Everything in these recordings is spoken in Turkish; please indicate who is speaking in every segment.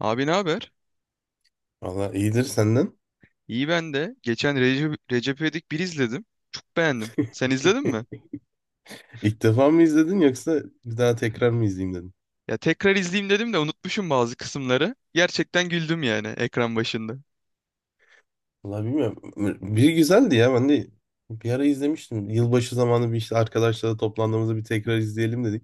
Speaker 1: Abi ne haber?
Speaker 2: Valla iyidir senden.
Speaker 1: İyi ben de. Geçen Recep İvedik 1 izledim. Çok beğendim. Sen izledin mi?
Speaker 2: İlk defa mı izledin yoksa bir daha tekrar mı izleyeyim dedin?
Speaker 1: Ya tekrar izleyeyim dedim de unutmuşum bazı kısımları. Gerçekten güldüm yani ekran başında.
Speaker 2: Valla bilmiyorum. Bir güzeldi ya ben de bir ara izlemiştim. Yılbaşı zamanı bir işte arkadaşlarla toplandığımızda bir tekrar izleyelim dedik.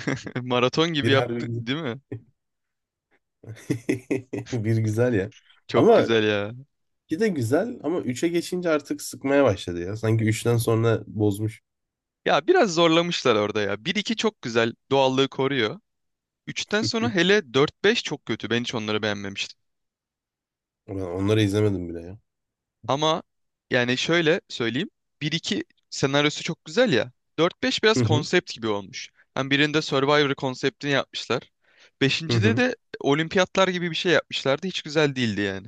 Speaker 1: Maraton gibi
Speaker 2: Bir harbi
Speaker 1: yaptı,
Speaker 2: güzel.
Speaker 1: değil mi?
Speaker 2: Bir güzel ya.
Speaker 1: Çok
Speaker 2: Ama
Speaker 1: güzel ya.
Speaker 2: iki de güzel ama üçe geçince artık sıkmaya başladı ya. Sanki üçten sonra bozmuş.
Speaker 1: Ya biraz zorlamışlar orada ya. Bir iki çok güzel, doğallığı koruyor. Üçten sonra hele dört beş çok kötü. Ben hiç onları beğenmemiştim.
Speaker 2: Ben onları izlemedim bile ya.
Speaker 1: Ama yani şöyle söyleyeyim. Bir iki senaryosu çok güzel ya. Dört beş biraz
Speaker 2: Hı hı.
Speaker 1: konsept gibi olmuş. Hem birinde Survivor konseptini yapmışlar.
Speaker 2: Hı
Speaker 1: Beşincide
Speaker 2: hı.
Speaker 1: de olimpiyatlar gibi bir şey yapmışlardı. Hiç güzel değildi yani.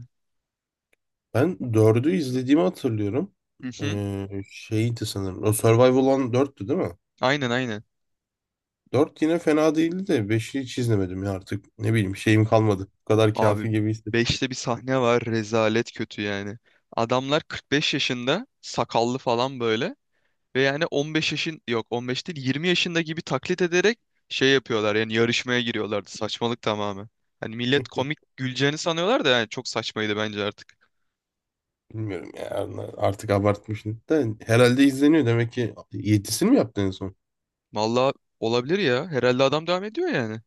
Speaker 2: Ben dördü izlediğimi hatırlıyorum.
Speaker 1: Hı hı.
Speaker 2: Şeydi sanırım. O Survival olan dörttü, değil mi?
Speaker 1: Aynen aynen.
Speaker 2: Dört yine fena değildi de beşi hiç izlemedim ya artık. Ne bileyim şeyim kalmadı. Bu kadar
Speaker 1: Abi
Speaker 2: kafi gibi hissettim.
Speaker 1: beşte bir sahne var, rezalet kötü yani. Adamlar 45 yaşında sakallı falan böyle. Ve yani 15 yaşın yok, 15 değil 20 yaşında gibi taklit ederek şey yapıyorlar, yani yarışmaya giriyorlardı, saçmalık tamamen. Hani millet komik güleceğini sanıyorlar da yani çok saçmaydı bence artık.
Speaker 2: Bilmiyorum ya artık abartmışım. Da herhalde izleniyor demek ki. Yedisini mi yaptı en son?
Speaker 1: Vallahi olabilir ya, herhalde adam devam ediyor yani.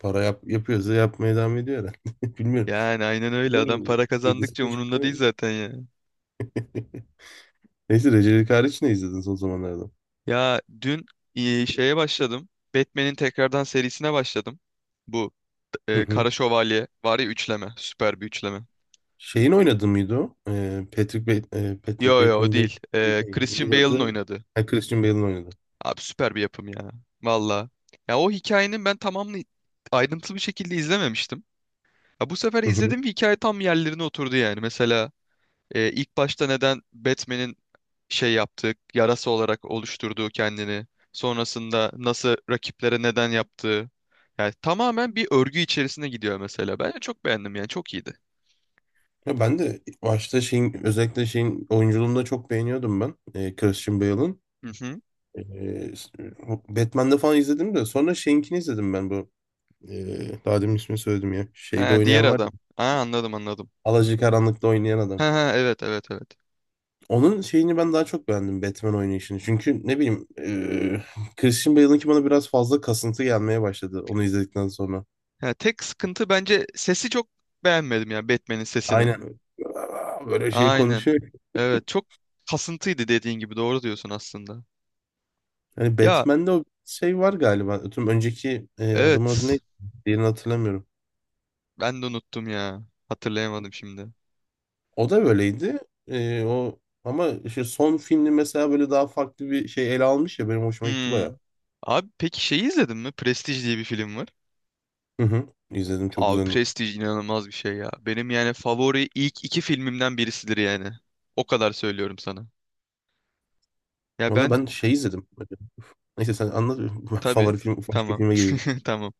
Speaker 2: Para yapıyorsa yapmaya devam ediyor herhalde. Bilmiyorum.
Speaker 1: Yani aynen öyle, adam
Speaker 2: Bilmiyorum.
Speaker 1: para
Speaker 2: Yedisi
Speaker 1: kazandıkça
Speaker 2: mi çıktı?
Speaker 1: umurunda değil zaten ya.
Speaker 2: Neyse Recep hariç ne izledin son zamanlarda?
Speaker 1: Ya dün şeye başladım, Batman'in tekrardan serisine başladım. Bu
Speaker 2: Hı hı.
Speaker 1: Kara Şövalye var ya, üçleme, süper bir üçleme.
Speaker 2: Şeyin oynadı mıydı o? Patrick
Speaker 1: Yo yo o
Speaker 2: Bateman değil.
Speaker 1: değil.
Speaker 2: Şey,
Speaker 1: Christian
Speaker 2: neydi
Speaker 1: Bale'ın
Speaker 2: adı?
Speaker 1: oynadığı.
Speaker 2: Ha, Christian Bale'ın oynadı.
Speaker 1: Abi süper bir yapım ya. Valla. Ya o hikayenin ben tamamını ayrıntılı bir şekilde izlememiştim. Ya bu sefer izledim ve hikaye tam yerlerine oturdu yani. Mesela ilk başta neden Batman'in şey yaptığı, yarası olarak oluşturduğu kendini. Sonrasında nasıl rakiplere neden yaptığı. Yani tamamen bir örgü içerisine gidiyor mesela. Ben de çok beğendim yani, çok iyiydi.
Speaker 2: Ya ben de başta şeyin özellikle şeyin oyunculuğunu da çok beğeniyordum ben. Christian Bale'ın.
Speaker 1: Hı hı.
Speaker 2: E, Batman'de falan izledim de sonra şeyinkini izledim ben bu. Daha demin ismini söyledim ya. Şeyde
Speaker 1: Ha, diğer
Speaker 2: oynayan var ya.
Speaker 1: adam. Ha, anladım anladım.
Speaker 2: Alacakaranlık'ta oynayan
Speaker 1: Ha,
Speaker 2: adam.
Speaker 1: ha, evet evet evet.
Speaker 2: Onun şeyini ben daha çok beğendim Batman oynayışını. Çünkü ne bileyim Christian Bale'ınki bana biraz fazla kasıntı gelmeye başladı onu izledikten sonra.
Speaker 1: Ha, tek sıkıntı bence sesi, çok beğenmedim ya Batman'in sesini.
Speaker 2: Aynen. Böyle şey
Speaker 1: Aynen.
Speaker 2: konuşuyor.
Speaker 1: Evet, çok kasıntıydı, dediğin gibi, doğru diyorsun aslında.
Speaker 2: Yani
Speaker 1: Ya
Speaker 2: Batman'de o şey var galiba. Tüm önceki adamın adı
Speaker 1: evet,
Speaker 2: neydi? Diğerini hatırlamıyorum.
Speaker 1: ben de unuttum ya. Hatırlayamadım şimdi.
Speaker 2: O da böyleydi. O ama işte son filmi mesela böyle daha farklı bir şey ele almış ya benim hoşuma gitti
Speaker 1: Hmm.
Speaker 2: baya.
Speaker 1: Abi peki şeyi izledin mi? Prestige diye bir film var.
Speaker 2: Hı hı. İzledim, çok
Speaker 1: Abi
Speaker 2: güzeldi.
Speaker 1: Prestige inanılmaz bir şey ya. Benim yani favori ilk iki filmimden birisidir yani. O kadar söylüyorum sana. Ya
Speaker 2: Valla
Speaker 1: ben,
Speaker 2: ben şey izledim. Neyse sen anlat. Ben
Speaker 1: tabii,
Speaker 2: favori film başka
Speaker 1: tamam.
Speaker 2: filme gelelim.
Speaker 1: Tamam.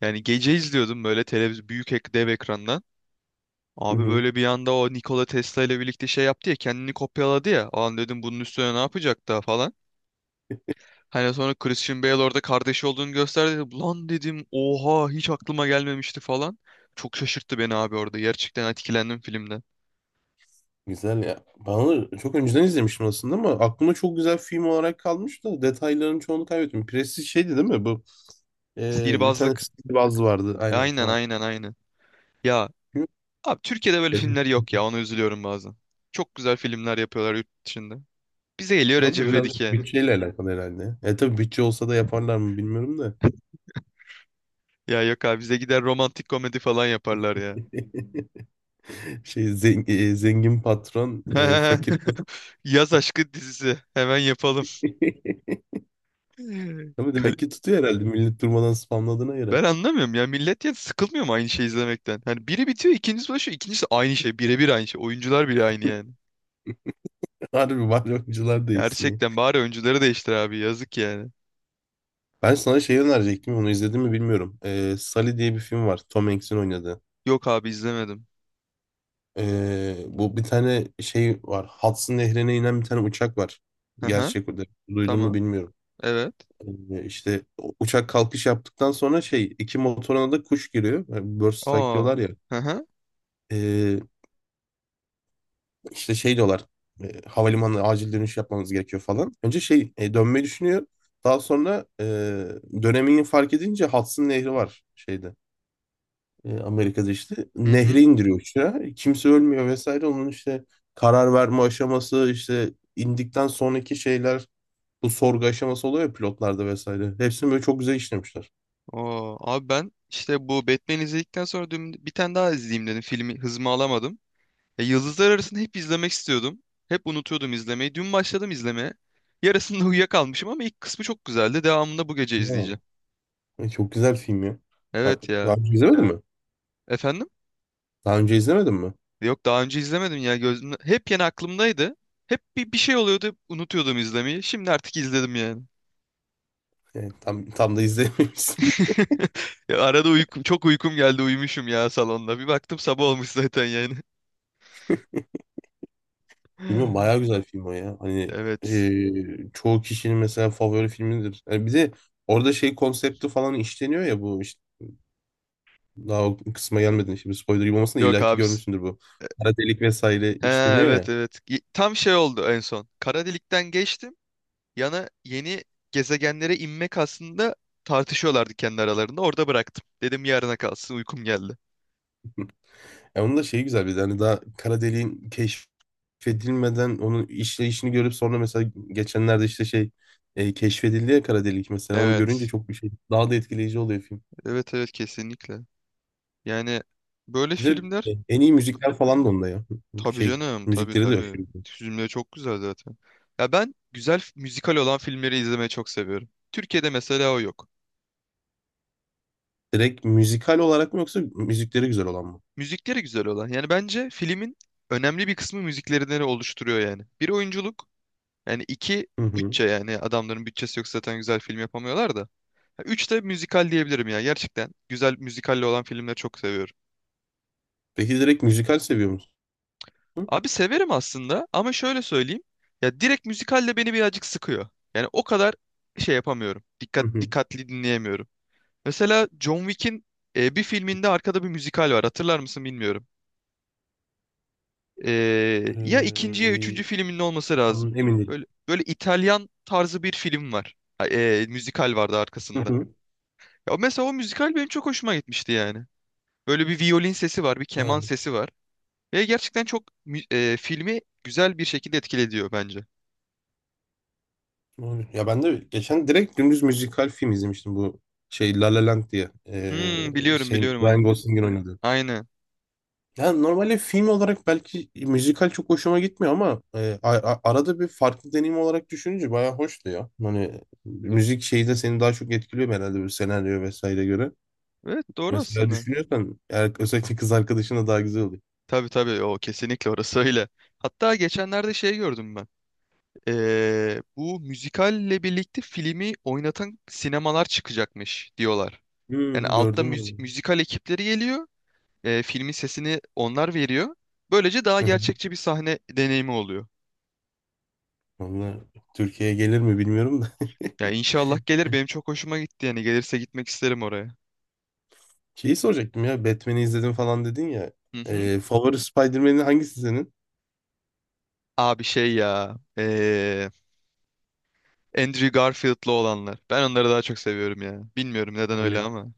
Speaker 1: Yani gece izliyordum böyle televizyon, büyük ek dev ekrandan.
Speaker 2: Hı
Speaker 1: Abi
Speaker 2: hı.
Speaker 1: böyle bir anda o Nikola Tesla ile birlikte şey yaptı ya, kendini kopyaladı ya. O an dedim bunun üstüne ne yapacak daha falan. Hani sonra Christian Bale orada kardeşi olduğunu gösterdi. Lan dedim, oha, hiç aklıma gelmemişti falan. Çok şaşırttı beni abi orada. Gerçekten etkilendim filmden.
Speaker 2: Güzel ya. Ben onu çok önceden izlemiştim aslında ama aklımda çok güzel film olarak kalmış da detayların çoğunu kaybettim. Prestij şeydi, değil mi bu? Bir tane
Speaker 1: Sihirbazlık.
Speaker 2: Steve Woz vardı. Aynen,
Speaker 1: Aynen
Speaker 2: tamam.
Speaker 1: aynen aynen. Ya abi Türkiye'de böyle
Speaker 2: Hı.
Speaker 1: filmler yok ya, ona üzülüyorum bazen. Çok güzel filmler yapıyorlar yurt dışında. Bize geliyor
Speaker 2: Orada
Speaker 1: Recep
Speaker 2: biraz da
Speaker 1: İvedik yani.
Speaker 2: bütçeyle alakalı herhalde. Tabii bütçe olsa da yaparlar mı bilmiyorum da.
Speaker 1: Ya yok abi, bize gider romantik komedi falan yaparlar ya.
Speaker 2: Şey zengin patron, fakir kız.
Speaker 1: Yaz aşkı dizisi. Hemen yapalım.
Speaker 2: Ama
Speaker 1: Kal-
Speaker 2: demek ki tutuyor herhalde, millet durmadan spamladığına göre.
Speaker 1: Ben anlamıyorum ya. Millet ya sıkılmıyor mu aynı şeyi izlemekten? Hani biri bitiyor, ikincisi başlıyor, ikincisi aynı şey. Birebir aynı şey. Oyuncular bile aynı yani.
Speaker 2: Harbi bari oyuncular değişsin ya.
Speaker 1: Gerçekten bari oyuncuları değiştir abi. Yazık yani.
Speaker 2: Ben sana şey önerecektim, onu izledim mi bilmiyorum. Sully diye bir film var, Tom Hanks'in oynadığı.
Speaker 1: Yok abi, izlemedim.
Speaker 2: Bu bir tane şey var. Hudson Nehri'ne inen bir tane uçak var.
Speaker 1: Hı hı.
Speaker 2: Gerçek o da. Duydun mu
Speaker 1: Tamam.
Speaker 2: bilmiyorum.
Speaker 1: Evet.
Speaker 2: İşte uçak kalkış yaptıktan sonra şey iki motoruna da kuş giriyor. Yani bird strike
Speaker 1: Aa.
Speaker 2: diyorlar ya.
Speaker 1: Hı hı.
Speaker 2: Ee, işte şey diyorlar. Havalimanına acil dönüş yapmamız gerekiyor falan. Önce şey dönmeyi düşünüyor. Daha sonra dönemini fark edince Hudson Nehri var şeyde. Amerika'da işte.
Speaker 1: Hı
Speaker 2: Nehri
Speaker 1: hı.
Speaker 2: indiriyor uçağı. Kimse ölmüyor vesaire. Onun işte karar verme aşaması işte indikten sonraki şeyler, bu sorgu aşaması oluyor ya pilotlarda vesaire. Hepsini böyle çok güzel işlemişler.
Speaker 1: Aa. Abi ben işte bu Batman'i izledikten sonra dün bir tane daha izleyeyim dedim. Filmi, hızımı alamadım. Ya Yıldızlar Arası'nı hep izlemek istiyordum. Hep unutuyordum izlemeyi. Dün başladım izlemeye. Yarısında uyuyakalmışım ama ilk kısmı çok güzeldi. Devamında bu gece
Speaker 2: Ya.
Speaker 1: izleyeceğim.
Speaker 2: Ay, çok güzel film ya. Ben
Speaker 1: Evet
Speaker 2: daha
Speaker 1: ya.
Speaker 2: önce izlemedin mi?
Speaker 1: Efendim?
Speaker 2: Daha önce izlemedin mi?
Speaker 1: Yok, daha önce izlemedim ya. Gözüm, hep yeni aklımdaydı. Hep bir şey oluyordu. Unutuyordum izlemeyi. Şimdi artık izledim yani.
Speaker 2: Yani tam da izlememişsin.
Speaker 1: Ya arada çok uykum geldi. Uyumuşum ya salonda. Bir baktım sabah olmuş zaten yani.
Speaker 2: Bilmiyorum, bayağı güzel film o ya. Hani
Speaker 1: Evet.
Speaker 2: çoğu kişinin mesela favori filmidir. Yani bir de orada şey konsepti falan işleniyor ya, bu işte daha o kısma gelmedin. Şimdi spoiler gibi olmasın da
Speaker 1: Yok
Speaker 2: illaki
Speaker 1: abi.
Speaker 2: görmüşsündür bu. Kara delik vesaire
Speaker 1: He,
Speaker 2: işleniyor
Speaker 1: evet
Speaker 2: ya.
Speaker 1: evet. Tam şey oldu en son. Kara delikten geçtim. Yana yeni gezegenlere inmek aslında tartışıyorlardı kendi aralarında. Orada bıraktım. Dedim yarına kalsın, uykum geldi.
Speaker 2: Ya onun da şeyi güzel, bir de hani daha kara deliğin keşfedilmeden onun işleyişini görüp sonra mesela geçenlerde işte şey keşfedildi ya kara delik, mesela onu görünce
Speaker 1: Evet.
Speaker 2: çok bir şey daha da etkileyici oluyor film.
Speaker 1: Evet evet, kesinlikle. Yani böyle
Speaker 2: Bir de
Speaker 1: filmler,
Speaker 2: en iyi müzikler falan da onda ya.
Speaker 1: tabii
Speaker 2: Şey
Speaker 1: canım, tabii
Speaker 2: müzikleri de yok
Speaker 1: tabii.
Speaker 2: şimdi.
Speaker 1: Filmleri çok güzel zaten. Ya ben güzel müzikal olan filmleri izlemeyi çok seviyorum. Türkiye'de mesela o yok.
Speaker 2: Direkt müzikal olarak mı yoksa müzikleri güzel olan mı?
Speaker 1: Müzikleri güzel olan. Yani bence filmin önemli bir kısmı müziklerinden oluşturuyor yani. Bir, oyunculuk. Yani iki,
Speaker 2: Hı hı.
Speaker 1: bütçe, yani adamların bütçesi yok, zaten güzel film yapamıyorlar da. Üç de müzikal diyebilirim ya. Gerçekten güzel müzikalle olan filmleri çok seviyorum.
Speaker 2: Peki direkt müzikal seviyor musun?
Speaker 1: Abi severim aslında ama şöyle söyleyeyim. Ya direkt müzikalle beni birazcık sıkıyor. Yani o kadar şey yapamıyorum.
Speaker 2: Hı hı.
Speaker 1: Dikkatli dinleyemiyorum. Mesela John Wick'in bir filminde arkada bir müzikal var. Hatırlar mısın bilmiyorum. E, Ya ikinci ya üçüncü
Speaker 2: Ee,
Speaker 1: filminin olması lazım.
Speaker 2: tam emin değilim.
Speaker 1: Böyle İtalyan tarzı bir film var. Ha, müzikal vardı
Speaker 2: Hı
Speaker 1: arkasında.
Speaker 2: hı.
Speaker 1: Ya mesela o müzikal benim çok hoşuma gitmişti yani. Böyle bir violin sesi var, bir
Speaker 2: Ha,
Speaker 1: keman sesi var. Ve gerçekten çok filmi güzel bir şekilde etkilediyor bence.
Speaker 2: doğru. Ya ben de geçen direkt dümdüz müzikal film izlemiştim, bu şey La La Land diye. Ee,
Speaker 1: Biliyorum
Speaker 2: şeyin
Speaker 1: biliyorum
Speaker 2: Ryan
Speaker 1: onu.
Speaker 2: Gosling'in oynadığı.
Speaker 1: Aynen.
Speaker 2: Yani normalde film olarak belki müzikal çok hoşuma gitmiyor ama arada bir farklı deneyim olarak düşününce bayağı hoştu ya. Hani müzik şeyi de seni daha çok etkiliyor herhalde bir senaryo vesaire göre.
Speaker 1: Evet, doğru
Speaker 2: Mesela
Speaker 1: aslında.
Speaker 2: düşünüyorsan eğer özellikle kız arkadaşına daha güzel oluyor.
Speaker 1: Tabii tabii, o kesinlikle, orası öyle. Hatta geçenlerde şey gördüm ben. Bu müzikalle birlikte filmi oynatan sinemalar çıkacakmış diyorlar. Yani
Speaker 2: Hmm,
Speaker 1: altta
Speaker 2: gördüm öyle.
Speaker 1: müzikal ekipleri geliyor. Filmin sesini onlar veriyor. Böylece daha gerçekçi bir sahne deneyimi oluyor.
Speaker 2: Vallahi Türkiye'ye gelir mi bilmiyorum da.
Speaker 1: Ya inşallah gelir, benim çok hoşuma gitti, yani gelirse gitmek isterim oraya.
Speaker 2: Şeyi soracaktım ya, Batman'i izledim falan dedin ya.
Speaker 1: Hı hı.
Speaker 2: Favori Spider-Man'in hangisi senin?
Speaker 1: Abi şey ya. Andrew Garfield'lı olanlar. Ben onları daha çok seviyorum ya. Bilmiyorum neden öyle
Speaker 2: Oley.
Speaker 1: ama.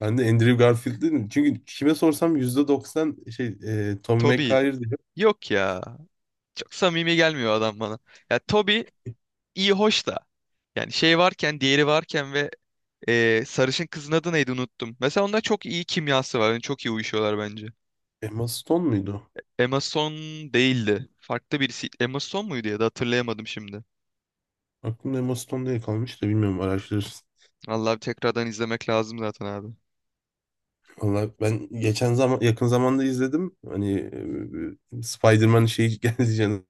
Speaker 2: Ben de Andrew Garfield dedim. Çünkü kime sorsam %90 şey Tobey
Speaker 1: Toby,
Speaker 2: Maguire diyor.
Speaker 1: yok ya. Çok samimi gelmiyor adam bana. Ya Toby iyi hoş da. Yani şey varken, diğeri varken ve sarışın kızın adı neydi, unuttum. Mesela onda çok iyi kimyası var. Yani çok iyi uyuşuyorlar bence.
Speaker 2: Emma Stone muydu?
Speaker 1: Emma Stone değildi. Farklı birisi. Emma Stone muydu ya da, hatırlayamadım şimdi.
Speaker 2: Aklımda Emma Stone diye kalmış da bilmiyorum, araştırırız.
Speaker 1: Vallahi bir tekrardan izlemek lazım zaten abi.
Speaker 2: Valla ben geçen zaman yakın zamanda izledim. Hani Spider-Man şeyi geldi canım.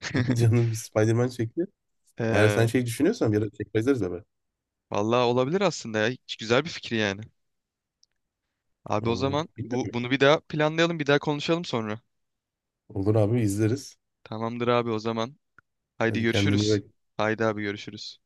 Speaker 2: Canım Spider-Man çekti. Eğer sen
Speaker 1: Eee
Speaker 2: şey düşünüyorsan bir ara tekrar izleriz abi.
Speaker 1: Vallahi olabilir aslında ya. Hiç güzel bir fikir yani. Abi o
Speaker 2: Vallahi
Speaker 1: zaman bu
Speaker 2: bilmiyorum.
Speaker 1: bunu bir daha planlayalım, bir daha konuşalım sonra.
Speaker 2: Olur abi izleriz.
Speaker 1: Tamamdır abi o zaman. Haydi
Speaker 2: Hadi kendine iyi
Speaker 1: görüşürüz.
Speaker 2: bak.
Speaker 1: Haydi abi görüşürüz.